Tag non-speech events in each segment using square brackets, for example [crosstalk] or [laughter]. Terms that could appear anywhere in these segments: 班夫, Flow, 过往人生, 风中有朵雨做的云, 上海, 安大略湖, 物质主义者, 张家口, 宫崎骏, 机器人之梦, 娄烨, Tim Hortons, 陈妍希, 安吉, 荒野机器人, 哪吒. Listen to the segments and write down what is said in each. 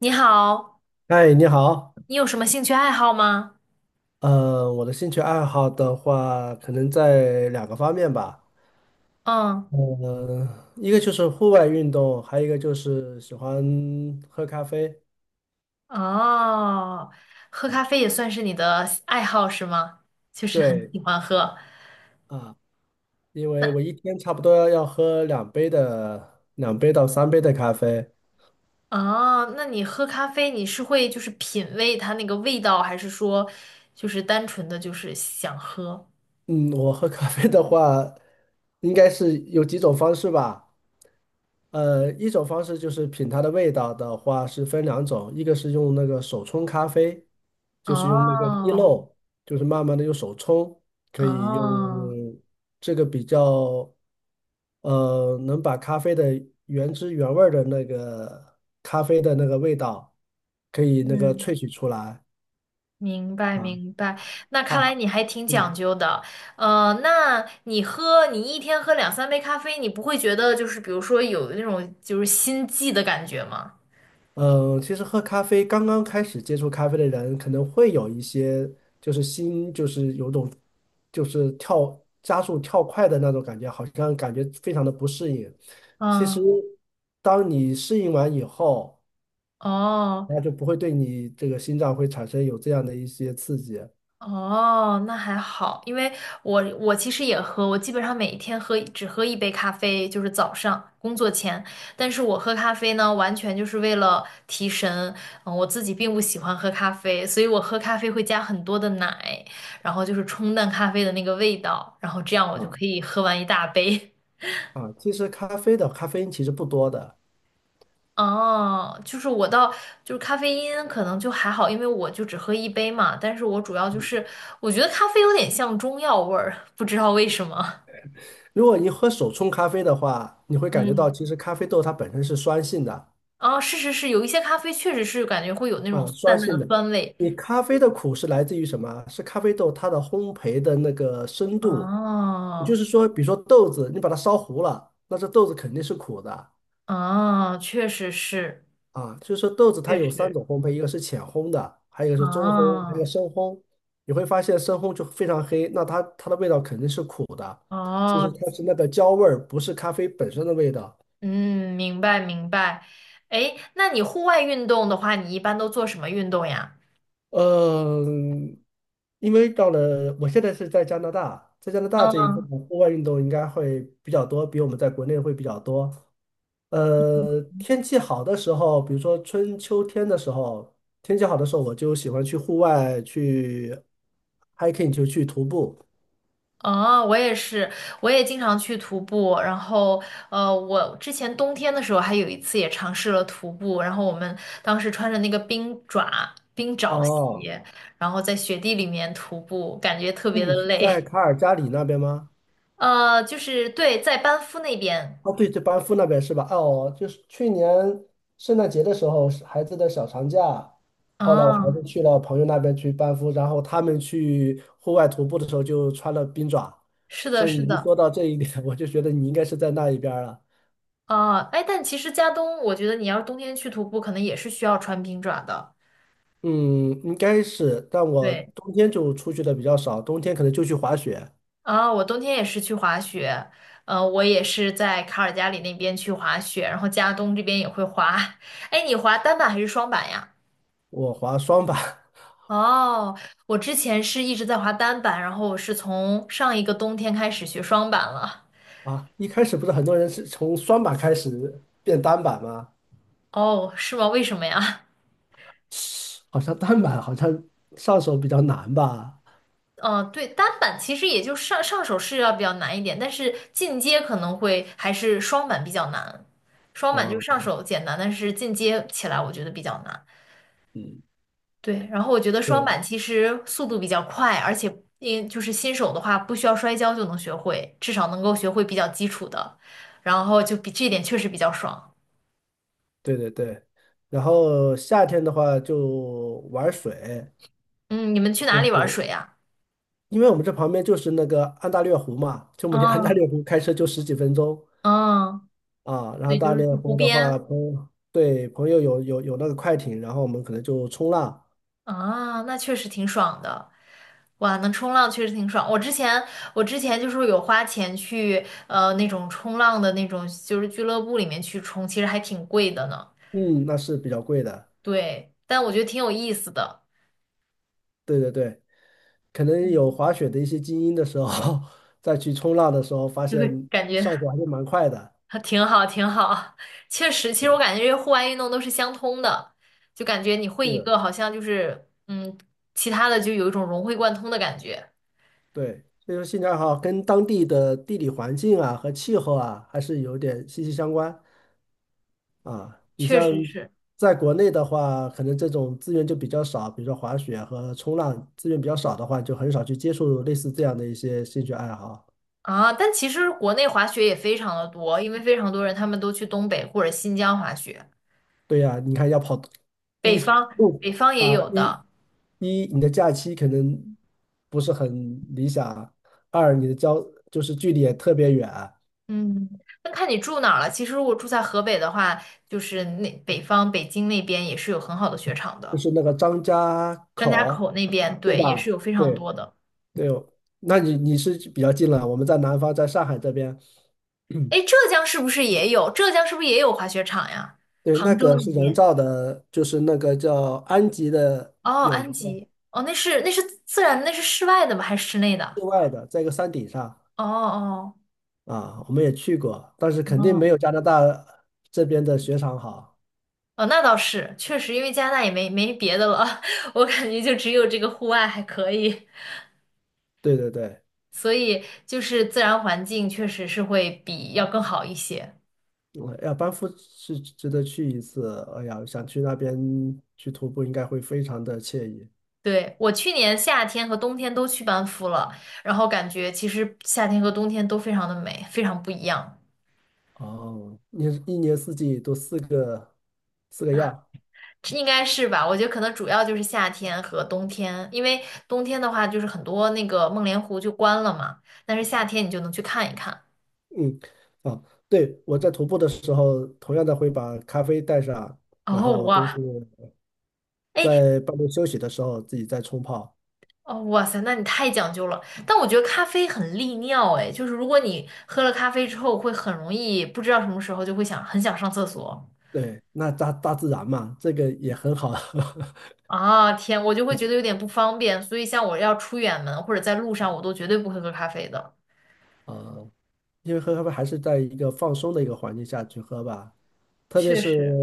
你好，嗨，你好。你有什么兴趣爱好吗？我的兴趣爱好的话，可能在两个方面吧。嗯。呃，一个就是户外运动，还有一个就是喜欢喝咖啡。哦，喝咖啡也算是你的爱好是吗？就是很对喜欢喝。啊，因为那我一天差不多要喝两杯的，2杯到3杯的咖啡。哦，那你喝咖啡，你是会就是品味它那个味道，还是说就是单纯的就是想喝？嗯，我喝咖啡的话，应该是有几种方式吧。一种方式就是品它的味道的话是分两种，一个是用那个手冲咖啡，就是用那个滴哦。漏，就是慢慢的用手冲，可以哦。用这个比较，能把咖啡的原汁原味儿的那个咖啡的那个味道，可以那个嗯。萃取出来明白啊，明白，那看来哎，你还挺讲嗯。究的。那你喝，你一天喝两三杯咖啡，你不会觉得就是比如说有那种就是心悸的感觉吗？嗯，其实喝咖啡，刚刚开始接触咖啡的人，可能会有一些就是心，就是有种就是跳加速跳快的那种感觉，好像感觉非常的不适应。其实，嗯。当你适应完以后，哦。那就不会对你这个心脏会产生有这样的一些刺激啊哦，那还好，因为我其实也喝，我基本上每一天喝只喝一杯咖啡，就是早上工作前。但是我喝咖啡呢，完全就是为了提神。嗯，我自己并不喜欢喝咖啡，所以我喝咖啡会加很多的奶，然后就是冲淡咖啡的那个味道，然后这样我就可以喝完一大杯。[laughs] 啊。其实咖啡的咖啡因其实不多的，哦，就是我倒就是咖啡因可能就还好，因为我就只喝一杯嘛。但是我主要就是我觉得咖啡有点像中药味儿，不知道为什么。如果你喝手冲咖啡的话，你会感觉到嗯。其实咖啡豆它本身是酸性的。哦，是是是，有一些咖啡确实是感觉会有那种啊，酸淡淡性的的。酸味。你咖啡的苦是来自于什么啊，是咖啡豆它的烘焙的那个深度，也就哦是说，比如说豆子，你把它烧糊了，那这豆子肯定是苦的哦，确实是，啊。就是说豆子它确有三实。种烘焙，一个是浅烘的，还有一个是中烘，还有一个哦深烘。你会发现深烘就非常黑，那它的味道肯定是苦的。其哦。实它是那个焦味儿，不是咖啡本身的味道。嗯，明白明白。哎，那你户外运动的话，你一般都做什么运动呀？嗯，因为到了我现在是在加拿大，在加拿大这一部嗯。分户外运动应该会比较多，比我们在国内会比较多。天气好的时候，比如说春秋天的时候，天气好的时候，我就喜欢去户外去 hiking，就去徒步。哦，我也是，我也经常去徒步。然后，我之前冬天的时候还有一次也尝试了徒步。然后我们当时穿着那个冰爪、冰爪哦，鞋，然后在雪地里面徒步，感觉特那别的你是在累。卡尔加里那边吗？就是对，在班夫那边。哦，对，就班夫那边是吧？啊哦，就是去年圣诞节的时候，是孩子的小长假，后来我孩啊，子去了朋友那边去班夫，然后他们去户外徒步的时候就穿了冰爪，是的，所以是你一的。说到这一点，[laughs] 我就觉得你应该是在那一边儿了。啊，哎，但其实加东，我觉得你要是冬天去徒步，可能也是需要穿冰爪的。嗯，应该是，但我对。冬天就出去的比较少，冬天可能就去滑雪，啊，我冬天也是去滑雪，我也是在卡尔加里那边去滑雪，然后加东这边也会滑。[laughs] 哎，你滑单板还是双板呀？我滑双板。 哦，我之前是一直在滑单板，然后我是从上一个冬天开始学双板了。[laughs] 啊。一开始不是很多人是从双板开始变单板吗？哦，是吗？为什么呀？[laughs] 好像单板好像上手比较难吧。[laughs] 哦，对，单板其实也就上手是要比较难一点，但是进阶可能会还是双板比较难。双板就啊，是上手简单，但是进阶起来我觉得比较难。嗯，对，然后我觉得双对板其实速度比较快，而且因就是新手的话，不需要摔跤就能学会，至少能够学会比较基础的，然后就比这一点确实比较爽。对对对，然后夏天的话就玩水，嗯，你们去哪就里玩是水呀？因为我们这旁边就是那个安大略湖嘛，就我们离安大嗯。略湖开车就十几分钟嗯。啊。然后对，就大是略去湖湖的话，边朋友对朋友有那个快艇，然后我们可能就冲浪，啊，那确实挺爽的。哇，能冲浪确实挺爽。我之前就是有花钱去那种冲浪的那种就是俱乐部里面去冲，其实还挺贵的呢。嗯，那是比较贵的。对，但我觉得挺有意思的。对对对，可能有嗯。滑雪的一些精英的时候，[laughs] 再去冲浪的时候，发就现会感上手觉还是蛮快的。啊挺好，挺好。确实，其实我感觉这些户外运动都是相通的，就感觉你会一是，个，好像就是其他的就有一种融会贯通的感觉。对，所以说兴趣爱好跟当地的地理环境啊和气候啊还是有点息息相关啊。你确像实是在国内的话，可能这种资源就比较少，比如说滑雪和冲浪资源比较少的话，就很少去接触类似这样的一些兴趣爱好。啊，但其实国内滑雪也非常的多，因为非常多人他们都去东北或者新疆滑雪，对呀，你看要跑北一方北路方也啊，有一的。一你的假期可能不是很理想，二你的交就是距离也特别远。嗯，那看你住哪儿了。其实如果住在河北的话，就是那北方北京那边也是有很好的雪场就的，是那个张家张家口，口那边对对也是有吧？非常对多的。对，那你是比较近了，我们在南方，在上海这边。[clears throat] 哎，浙江是不是也有？浙江是不是也有滑雪场呀？对，那杭州个是那人边。造的，就是那个叫安吉的，哦，有一安个吉。哦，那是那是自然的那是室外的吗？还是室内室的？外的，在一个山顶上哦哦。啊，我们也去过，但是肯定没哦有加拿大这边的雪场好。哦，那倒是，确实，因为加拿大也没没别的了，[laughs] 我感觉就只有这个户外还可以，对对对，所以就是自然环境确实是会比要更好一些。嗯要班夫是值得去一次，哎呀，想去那边去徒步，应该会非常的惬意。对，我去年夏天和冬天都去班夫了，然后感觉其实夏天和冬天都非常的美，非常不一样。哦，你一年四季都四个样，应该是吧？我觉得可能主要就是夏天和冬天，因为冬天的话就是很多那个梦莲湖就关了嘛，但是夏天你就能去看一看。嗯，啊，对，我在徒步的时候，同样的会把咖啡带上，然后哦我都是哇。哎。在半路休息的时候自己再冲泡。哦哇塞，那你太讲究了。但我觉得咖啡很利尿，哎，就是如果你喝了咖啡之后，会很容易不知道什么时候就会想很想上厕所。对，那大自然嘛，这个也很好。[laughs] 啊天，我就会觉得有点不方便，所以像我要出远门或者在路上，我都绝对不会喝咖啡的。呃，因为喝咖啡还是在一个放松的一个环境下去喝吧，特别确是实。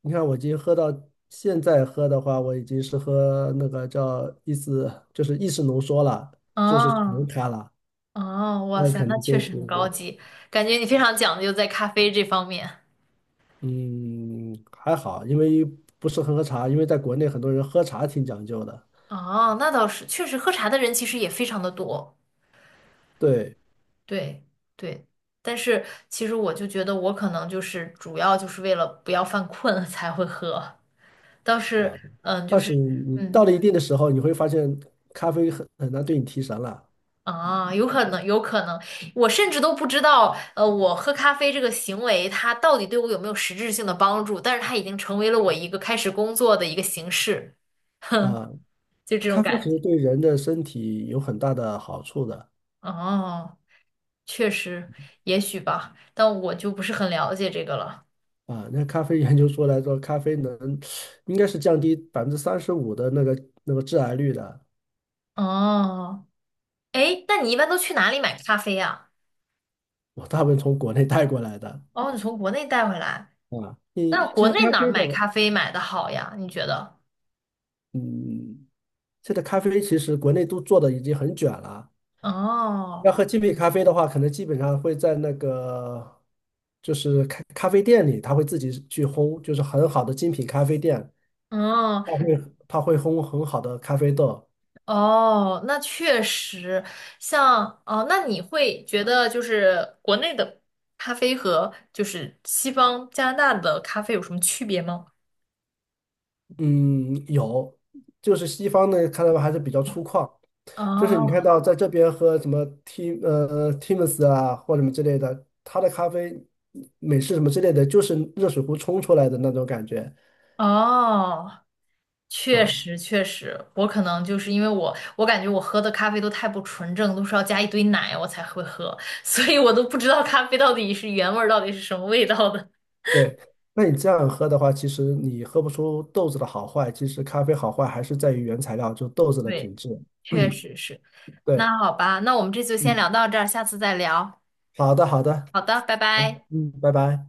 你看，我已经喝到现在喝的话，我已经是喝那个叫意思就是意识浓缩了，就是纯啊。咖了。哦，哇那塞，肯那定确就实是很高级，感觉你非常讲究在咖啡这方面。嗯还好，因为不是很喝茶，因为在国内很多人喝茶挺讲究的。哦，那倒是，确实喝茶的人其实也非常的多，对，对对。但是其实我就觉得我可能就是主要就是为了不要犯困 [laughs] 才会喝，倒是嗯，就但是是你嗯到了一定的时候，你会发现咖啡很难对你提神了。啊，有可能有可能，我甚至都不知道我喝咖啡这个行为它到底对我有没有实质性的帮助，但是它已经成为了我一个开始工作的一个形式，嗯，啊，就这种咖啡其感觉。实对人的身体有很大的好处的哦，确实，也许吧，但我就不是很了解这个了。啊。那咖啡研究出来说，咖啡能应该是降低35%的那个致癌率的。哦，哎，那你一般都去哪里买咖啡呀？我大部分从国内带过来的。 哦，你从国内带回来，[laughs] 啊。那你国这内咖哪儿啡买的，咖啡买的好呀？你觉得？嗯，现在咖啡其实国内都做的已经很卷了。要哦。喝精品咖啡的话，可能基本上会在那个就是咖啡店里，他会自己去烘，就是很好的精品咖啡店，哦。他会烘很好的咖啡豆。哦，那确实，像哦，那你会觉得就是国内的咖啡和就是西方加拿大的咖啡有什么区别吗？嗯，有，就是西方呢，看到还是比较粗犷，就是你看哦。到在这边喝什么 Tims 啊或者什么之类的，它的咖啡美式什么之类的，就是热水壶冲出来的那种感觉哦。确啊。实，确实，我可能就是因为我，我感觉我喝的咖啡都太不纯正，都是要加一堆奶我才会喝，[laughs] 所以我都不知道咖啡到底是原味儿，到底是什么味道的。对，那你这样喝的话，其实你喝不出豆子的好坏，其实咖啡好坏还是在于原材料，就豆子 [laughs] 的对，品质。确实是。[clears throat] 对，那好吧，那我们这次就先嗯，聊到这儿，下次再聊。好的，好的，好的，拜拜。嗯，拜拜。